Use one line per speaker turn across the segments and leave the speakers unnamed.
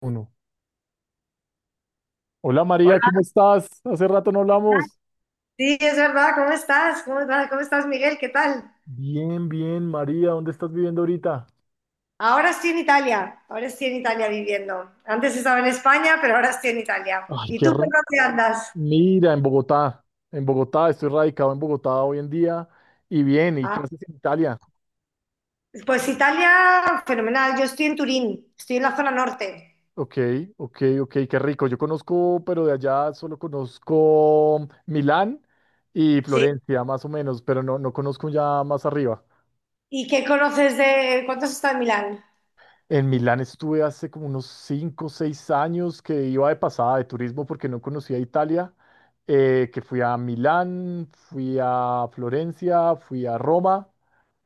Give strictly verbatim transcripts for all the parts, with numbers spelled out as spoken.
Uno. Hola María,
Hola,
¿cómo estás? Hace rato no hablamos.
sí, es verdad, ¿cómo estás? ¿Cómo, va- cómo estás, Miguel? ¿Qué tal?
Bien, bien, María, ¿dónde estás viviendo ahorita?
Ahora estoy en Italia, ahora estoy en Italia viviendo. Antes estaba en España, pero ahora estoy en Italia.
Ay,
¿Y
qué
tú por
re-
dónde andas?
mira, en Bogotá. En Bogotá, estoy radicado en Bogotá hoy en día. Y bien, ¿y qué
Ah,
haces en Italia?
pues Italia, fenomenal. Yo estoy en Turín, estoy en la zona norte.
Ok, ok, ok, qué rico. Yo conozco, pero de allá solo conozco Milán y
Sí.
Florencia, más o menos, pero no, no conozco ya más arriba.
¿Y qué conoces de? ¿Cuánto has estado en Milán?
En Milán estuve hace como unos cinco, o seis años que iba de pasada de turismo porque no conocía Italia, eh, que fui a Milán, fui a Florencia, fui a Roma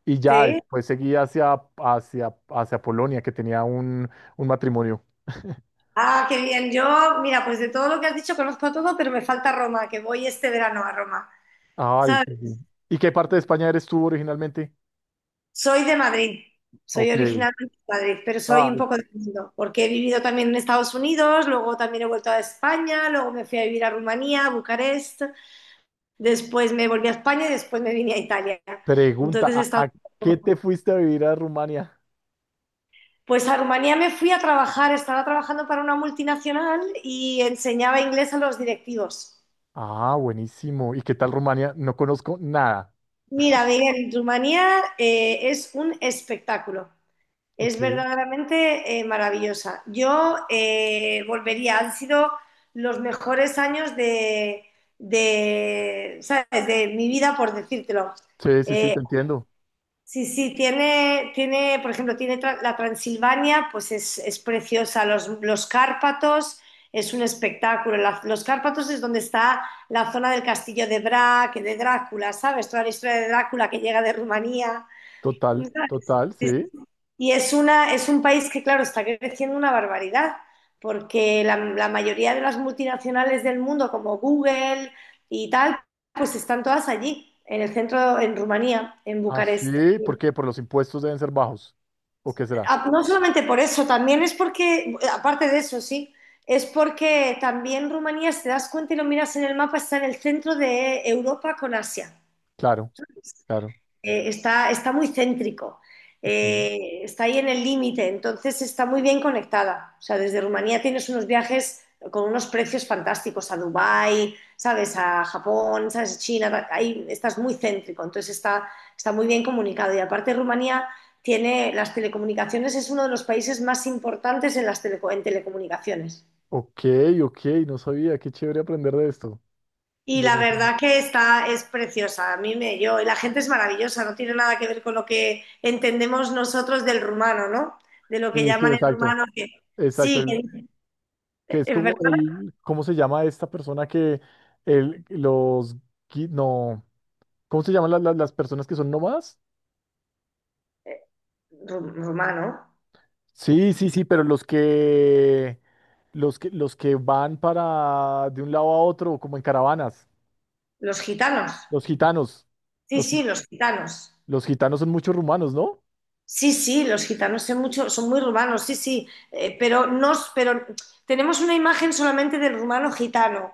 y ya
Sí.
después seguí hacia, hacia, hacia Polonia que tenía un, un matrimonio.
Ah, qué bien. Yo, mira, pues de todo lo que has dicho conozco todo, pero me falta Roma, que voy este verano a Roma.
Ay, qué
¿Sabes?
bien. ¿Y qué parte de España eres tú originalmente?
Soy de Madrid, soy
Ok.
originalmente de Madrid, pero soy un
Ay,
poco del mundo, porque he vivido también en Estados Unidos, luego también he vuelto a España, luego me fui a vivir a Rumanía, a Bucarest, después me volví a España y después me vine a Italia.
pregunta,
Entonces he
¿a,
estado
a
un
qué
poco.
te fuiste a vivir a Rumania?
Pues a Rumanía me fui a trabajar, estaba trabajando para una multinacional y enseñaba inglés a los directivos.
Ah, buenísimo. ¿Y qué tal Rumania? No conozco nada.
Mira, Miguel, Rumanía eh, es un espectáculo.
Ok.
Es verdaderamente eh, maravillosa. Yo eh, volvería, han sido los mejores años de, de, ¿sabes? De mi vida, por decírtelo.
Sí, sí, sí,
Eh,
te entiendo.
sí, sí, tiene, tiene, por ejemplo, tiene tra- la Transilvania, pues es, es preciosa. Los, los Cárpatos es un espectáculo. La- los Cárpatos es donde está la zona del castillo de Brac, de Drácula, ¿sabes? Toda la historia de Drácula que llega de Rumanía.
Total, total, sí.
Y es una, es un país que, claro, está creciendo una barbaridad, porque la, la mayoría de las multinacionales del mundo, como Google y tal, pues están todas allí en el centro, en Rumanía, en Bucarest.
Así, ¿por qué? Por los impuestos deben ser bajos. ¿O qué será?
Ah, no solamente por eso, también es porque, aparte de eso, sí, es porque también Rumanía, si te das cuenta y lo miras en el mapa, está en el centro de Europa con Asia.
Claro, claro.
eh, está, está muy céntrico,
Ok.
eh, está ahí en el límite, entonces está muy bien conectada. O sea, desde Rumanía tienes unos viajes con unos precios fantásticos a Dubái, ¿sabes? A Japón, ¿sabes? China, ahí estás muy céntrico, entonces está, está muy bien comunicado. Y aparte Rumanía tiene las telecomunicaciones, es uno de los países más importantes en, las teleco- en telecomunicaciones.
Ok, ok, no sabía. Qué chévere aprender de esto.
Y
De
la
lo que-
verdad que está, es preciosa, a mí me, yo, y la gente es maravillosa, no tiene nada que ver con lo que entendemos nosotros del rumano, ¿no? De lo que
sí, sí,
llaman el
exacto.
rumano, que
Exacto.
sí,
El-
que
que es
es
como
verdad,
el, ¿cómo se llama esta persona que el, los, gui- no, ¿cómo se llaman las, las, las personas que son nómadas?
ru- rumano,
Sí, sí, sí, pero los que, los que, los que van para de un lado a otro, como en caravanas.
los gitanos,
Los gitanos.
sí,
Los, gi-
sí, los gitanos.
los gitanos son muchos rumanos, ¿no?
Sí, sí, los gitanos son mucho, son muy urbanos, sí, sí, eh, pero nos, pero tenemos una imagen solamente del rumano gitano,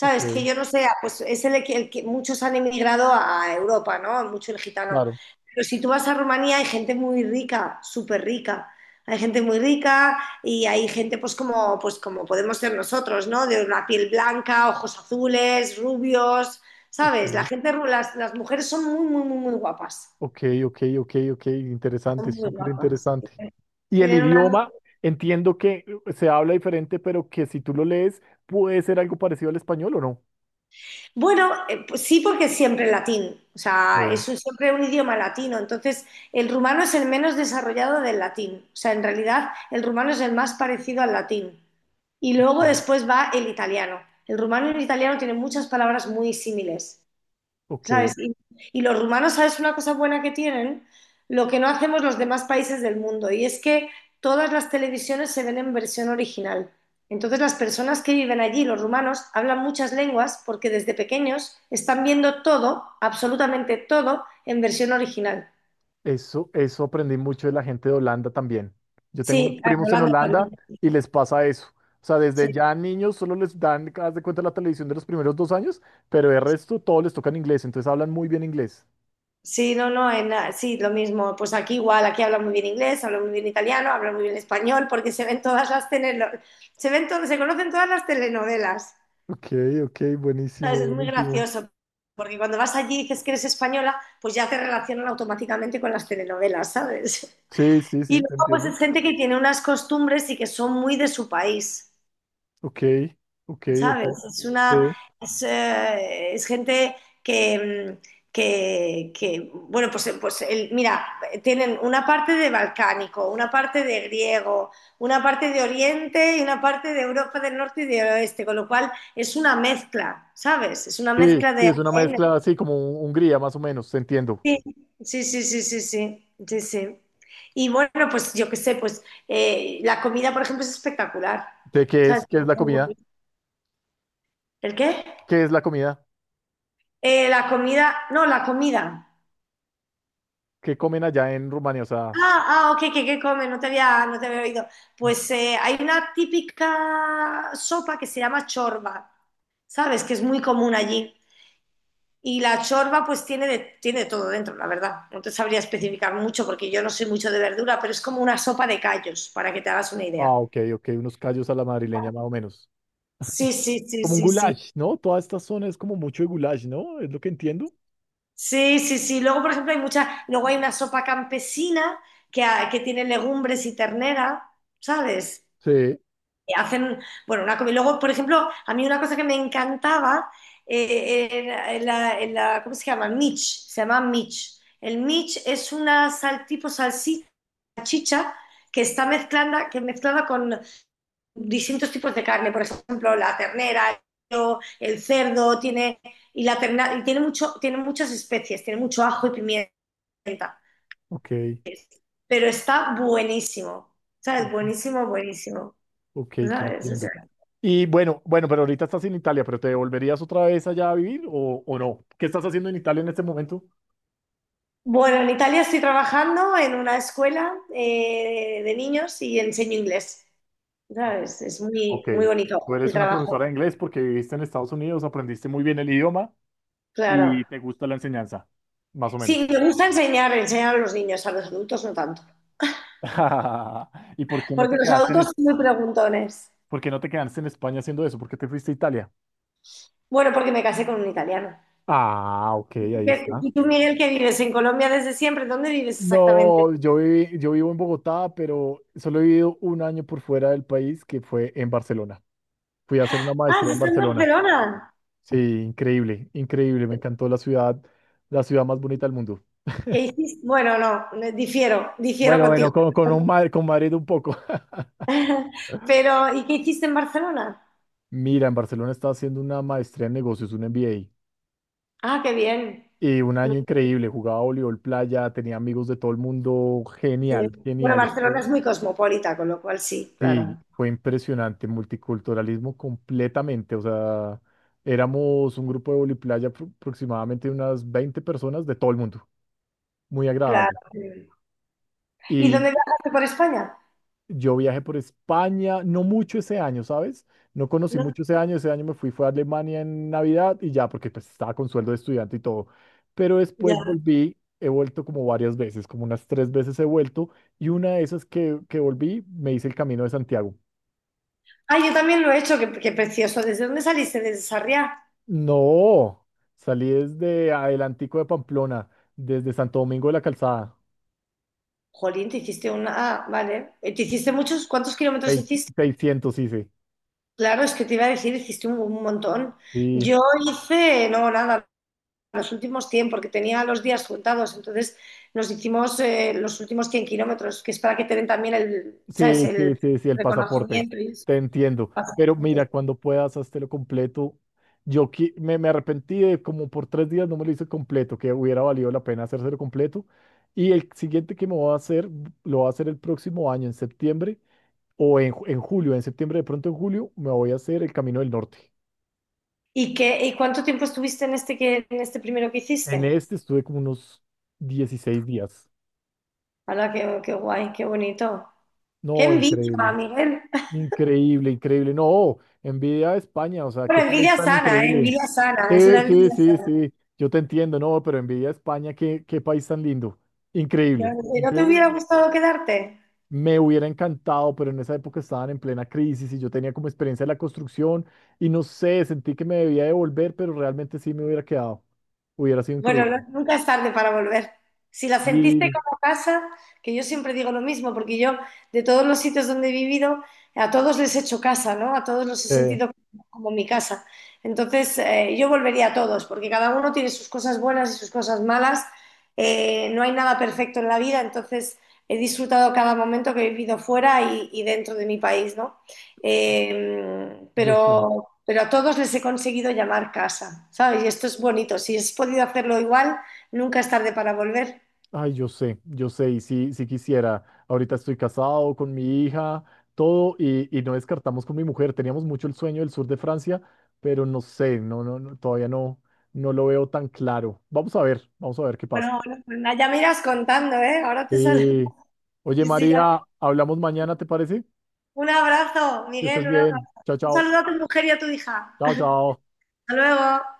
Ok,
Que yo no sé, ah, pues es el, que el que muchos han emigrado a Europa, ¿no? Mucho el gitano.
claro.
Pero si tú vas a Rumanía hay gente muy rica, súper rica. Hay gente muy rica y hay gente pues como, pues como podemos ser nosotros, ¿no? De una piel blanca, ojos azules, rubios,
Ok,
¿sabes? La gente, ru- las, las mujeres son muy, muy, muy, muy guapas.
ok, ok, ok, ok. Interesante,
Son muy
súper
guapas.
interesante. Y el
Tienen una.
idioma, entiendo que eh, se habla diferente, pero que si tú lo lees, puede ser algo parecido al español o no.
Bueno, eh, pues sí, porque es siempre latín, o sea,
Sí.
es un siempre un idioma latino, entonces el rumano es el menos desarrollado del latín, o sea, en realidad el rumano es el más parecido al latín. Y luego después va el italiano. El rumano y el italiano tienen muchas palabras muy similares.
Ok.
¿Sabes? Y, y los rumanos, ¿sabes una cosa buena que tienen? Lo que no hacemos los demás países del mundo, y es que todas las televisiones se ven en versión original. Entonces las personas que viven allí, los rumanos, hablan muchas lenguas porque desde pequeños están viendo todo, absolutamente todo, en versión original.
Eso, eso aprendí mucho de la gente de Holanda también. Yo tengo unos
Sí, ah, en
primos en
Holanda también.
Holanda y les pasa eso. O sea,
Sí,
desde ya niños solo les dan, haz de cuenta, la televisión de los primeros dos años, pero de resto todo les toca en inglés, entonces hablan muy bien inglés.
sí, no, no, en, ah, sí, lo mismo. Pues aquí igual, aquí hablan muy bien inglés, hablan muy bien italiano, hablan muy bien español, porque se ven todas las telenovelas, se ven todo- se conocen todas las telenovelas.
Ok, ok, buenísimo,
¿Sabes? Es muy
buenísimo.
gracioso, porque cuando vas allí y dices que eres española, pues ya te relacionan automáticamente con las telenovelas, ¿sabes?
Sí, sí,
Y
sí, te
luego, pues
entiendo.
es gente que tiene unas costumbres y que son muy de su país,
Ok, ok, ok.
¿sabes? Es una,
Sí,
es, eh, es gente que, mm, que, que, bueno, pues, eh, pues el mira, tienen una parte de balcánico, una parte de griego, una parte de Oriente y una parte de Europa del Norte y del Oeste, con lo cual es una mezcla, ¿sabes? Es una
sí,
mezcla de
sí, es una
A D N.
mezcla así como un- Hungría, más o menos, te entiendo.
Sí, sí, sí, sí, sí, sí, sí, sí. Y bueno, pues yo qué sé, pues eh, la comida, por ejemplo, es espectacular.
¿De qué
¿Sabes?
es, qué es la comida?
¿El qué?
¿Qué es la comida?
Eh, la comida, no, la comida.
¿Qué comen allá en Rumania? O sea,
Ah, ah, ok, ¿qué, qué come? No te había, no te había oído. Pues eh, hay una típica sopa que se llama chorba, ¿sabes? Que es muy común allí. Y la chorba pues tiene de, tiene de todo dentro, la verdad. No te sabría especificar mucho porque yo no soy mucho de verdura, pero es como una sopa de callos, para que te hagas una idea.
ah, ok, ok, unos callos a la madrileña más o menos.
Sí, sí, sí,
Como un
sí, sí.
goulash, ¿no? Toda esta zona es como mucho de goulash, ¿no? Es lo que entiendo.
Sí, sí, sí. Luego, por ejemplo, hay muchas, luego hay una sopa campesina que, ha- que tiene legumbres y ternera, ¿sabes?
Sí,
Y hacen, bueno, una comida. Luego, por ejemplo, a mí una cosa que me encantaba, eh, era en la, en la- ¿cómo se llama? Mitch, se llama Mitch. El Mitch es una sal, tipo salchicha que está mezclada, que mezclada con, distintos tipos de carne, por ejemplo, la ternera, el cerdo, tiene, y, la terna- y tiene, mucho, tiene muchas especies, tiene mucho ajo y pimienta,
ok,
pero está buenísimo,
o-
¿sabes? Buenísimo, buenísimo,
ok, te
¿sabes? O sea,
entiendo. Y bueno, bueno, pero ahorita estás en Italia, pero ¿te devolverías otra vez allá a vivir o, o no? ¿Qué estás haciendo en Italia en este momento?
bueno, en Italia estoy trabajando en una escuela eh, de niños y enseño inglés,
Ah,
¿sabes? Es muy,
ok,
muy bonito
tú
el
eres una profesora
trabajo,
de inglés porque viviste en Estados Unidos, aprendiste muy bien el idioma
claro.
y te gusta la enseñanza, más o menos.
Sí, me gusta enseñar, enseñar a los niños, a los adultos no tanto,
¿Y por qué no
porque
te
los
quedaste en,
adultos
Es-
son muy preguntones.
por qué no te quedaste en España haciendo eso? ¿Por qué te fuiste a Italia?
Bueno, porque me casé con un italiano.
Ah, ok, ahí
¿Qué-
está.
¿Y tú, Miguel, que vives en Colombia desde siempre? ¿Dónde vives exactamente?
No, yo viví- yo vivo en Bogotá, pero solo he vivido un año por fuera del país, que fue en Barcelona. Fui a hacer una
Ah,
maestría en
¿estás en
Barcelona.
Barcelona?
Sí, increíble, increíble. Me encantó la ciudad, la ciudad más bonita del mundo.
¿Qué hiciste? Bueno, no, me- difiero, difiero
Bueno,
contigo.
bueno, con, con, un Madrid, con Madrid un poco.
Pero, ¿y qué hiciste en Barcelona?
Mira, en Barcelona estaba haciendo una maestría en negocios, un M B A.
Ah, qué bien.
Y un
Muy
año increíble. Jugaba voleibol playa, tenía amigos de todo el mundo. Genial,
bien. Bueno,
genial.
Barcelona es muy cosmopolita, con lo cual sí,
Sí,
claro.
fue impresionante, multiculturalismo completamente, o sea, éramos un grupo de voliplaya apro- aproximadamente unas veinte personas de todo el mundo, muy agradable.
Claro. ¿Y
Y
dónde viajaste por España?
yo viajé por España, no mucho ese año, ¿sabes? No conocí
No,
mucho ese año, ese año me fui, fue a Alemania en Navidad y ya, porque pues estaba con sueldo de estudiante y todo. Pero después
ya.
volví, he vuelto como varias veces, como unas tres veces he vuelto, y una de esas que, que volví, me hice el camino de Santiago.
Ah, yo también lo he hecho, qué, qué precioso. ¿Desde dónde saliste? ¿Desde Sarriá?
No, salí desde Adelantico de Pamplona, desde Santo Domingo de la Calzada.
Jolín, te hiciste una. Ah, vale. ¿Te hiciste muchos? ¿Cuántos kilómetros
Sei-
hiciste?
seiscientos hice.
Claro, es que te iba a decir, hiciste un, un montón.
Sí,
Yo hice, no, nada, los últimos cien porque tenía los días juntados, entonces nos hicimos eh, los últimos cien kilómetros, que es para que te den también el, ¿sabes?
sí, sí, sí,
El
sí, sí, el pasaporte.
reconocimiento y eso.
Te entiendo. Pero
Bastante.
mira, cuando puedas, hazte lo completo. Yo qui- me, me arrepentí de como por tres días no me lo hice completo, que hubiera valido la pena hacérselo completo. Y el siguiente que me voy a hacer, lo voy a hacer el próximo año, en septiembre o en, ju- en julio. En septiembre, de pronto en julio, me voy a hacer el Camino del Norte.
¿Y, qué, y cuánto tiempo estuviste en este, que, en este primero que
En
hiciste?
este estuve como unos dieciséis días.
Hala, qué, qué guay, qué bonito. ¡Qué
No,
envidia,
increíble.
Miguel!
Increíble, increíble. No, envidia a España, o sea, qué
Bueno,
país
envidia
tan
sana, ¿eh?
increíble.
Envidia sana, es una
Sí, sí,
envidia
sí,
sana.
sí. Yo te entiendo, no, pero envidia a España, qué, qué país tan lindo.
¿Que
Increíble,
no te hubiera
increíble.
gustado quedarte?
Me hubiera encantado, pero en esa época estaban en plena crisis y yo tenía como experiencia de la construcción y no sé, sentí que me debía devolver, pero realmente sí me hubiera quedado. Hubiera sido
Bueno,
increíble.
no- nunca es tarde para volver. Si la sentiste
Sí,
como casa, que yo siempre digo lo mismo, porque yo de todos los sitios donde he vivido, a todos les he hecho casa, ¿no? A todos los he
eh,
sentido como como mi casa. Entonces, eh, yo volvería a todos, porque cada uno tiene sus cosas buenas y sus cosas malas. Eh, no hay nada perfecto en la vida, entonces he disfrutado cada momento que he vivido fuera y, y dentro de mi país, ¿no? Eh,
yo sé.
pero, pero a todos les he conseguido llamar casa, ¿sabes? Y esto es bonito. Si has podido hacerlo igual, nunca es tarde para volver.
Ay, yo sé, yo sé, y sí, sí quisiera. Ahorita estoy casado con mi hija, todo, y, y no descartamos con mi mujer. Teníamos mucho el sueño del sur de Francia, pero no sé, no, no, no, todavía no, no lo veo tan claro. Vamos a ver, vamos a ver qué pasa.
Bueno, bueno, pues nada, ya me irás contando, ¿eh? Ahora te saludo.
Sí. Oye,
Sí, sí, ya-
María, hablamos mañana, ¿te parece?
un abrazo,
Que
Miguel,
estés
un
bien.
abrazo.
Chao,
Un
chao.
saludo a tu mujer y a tu hija.
Chao, chao.
Hasta luego.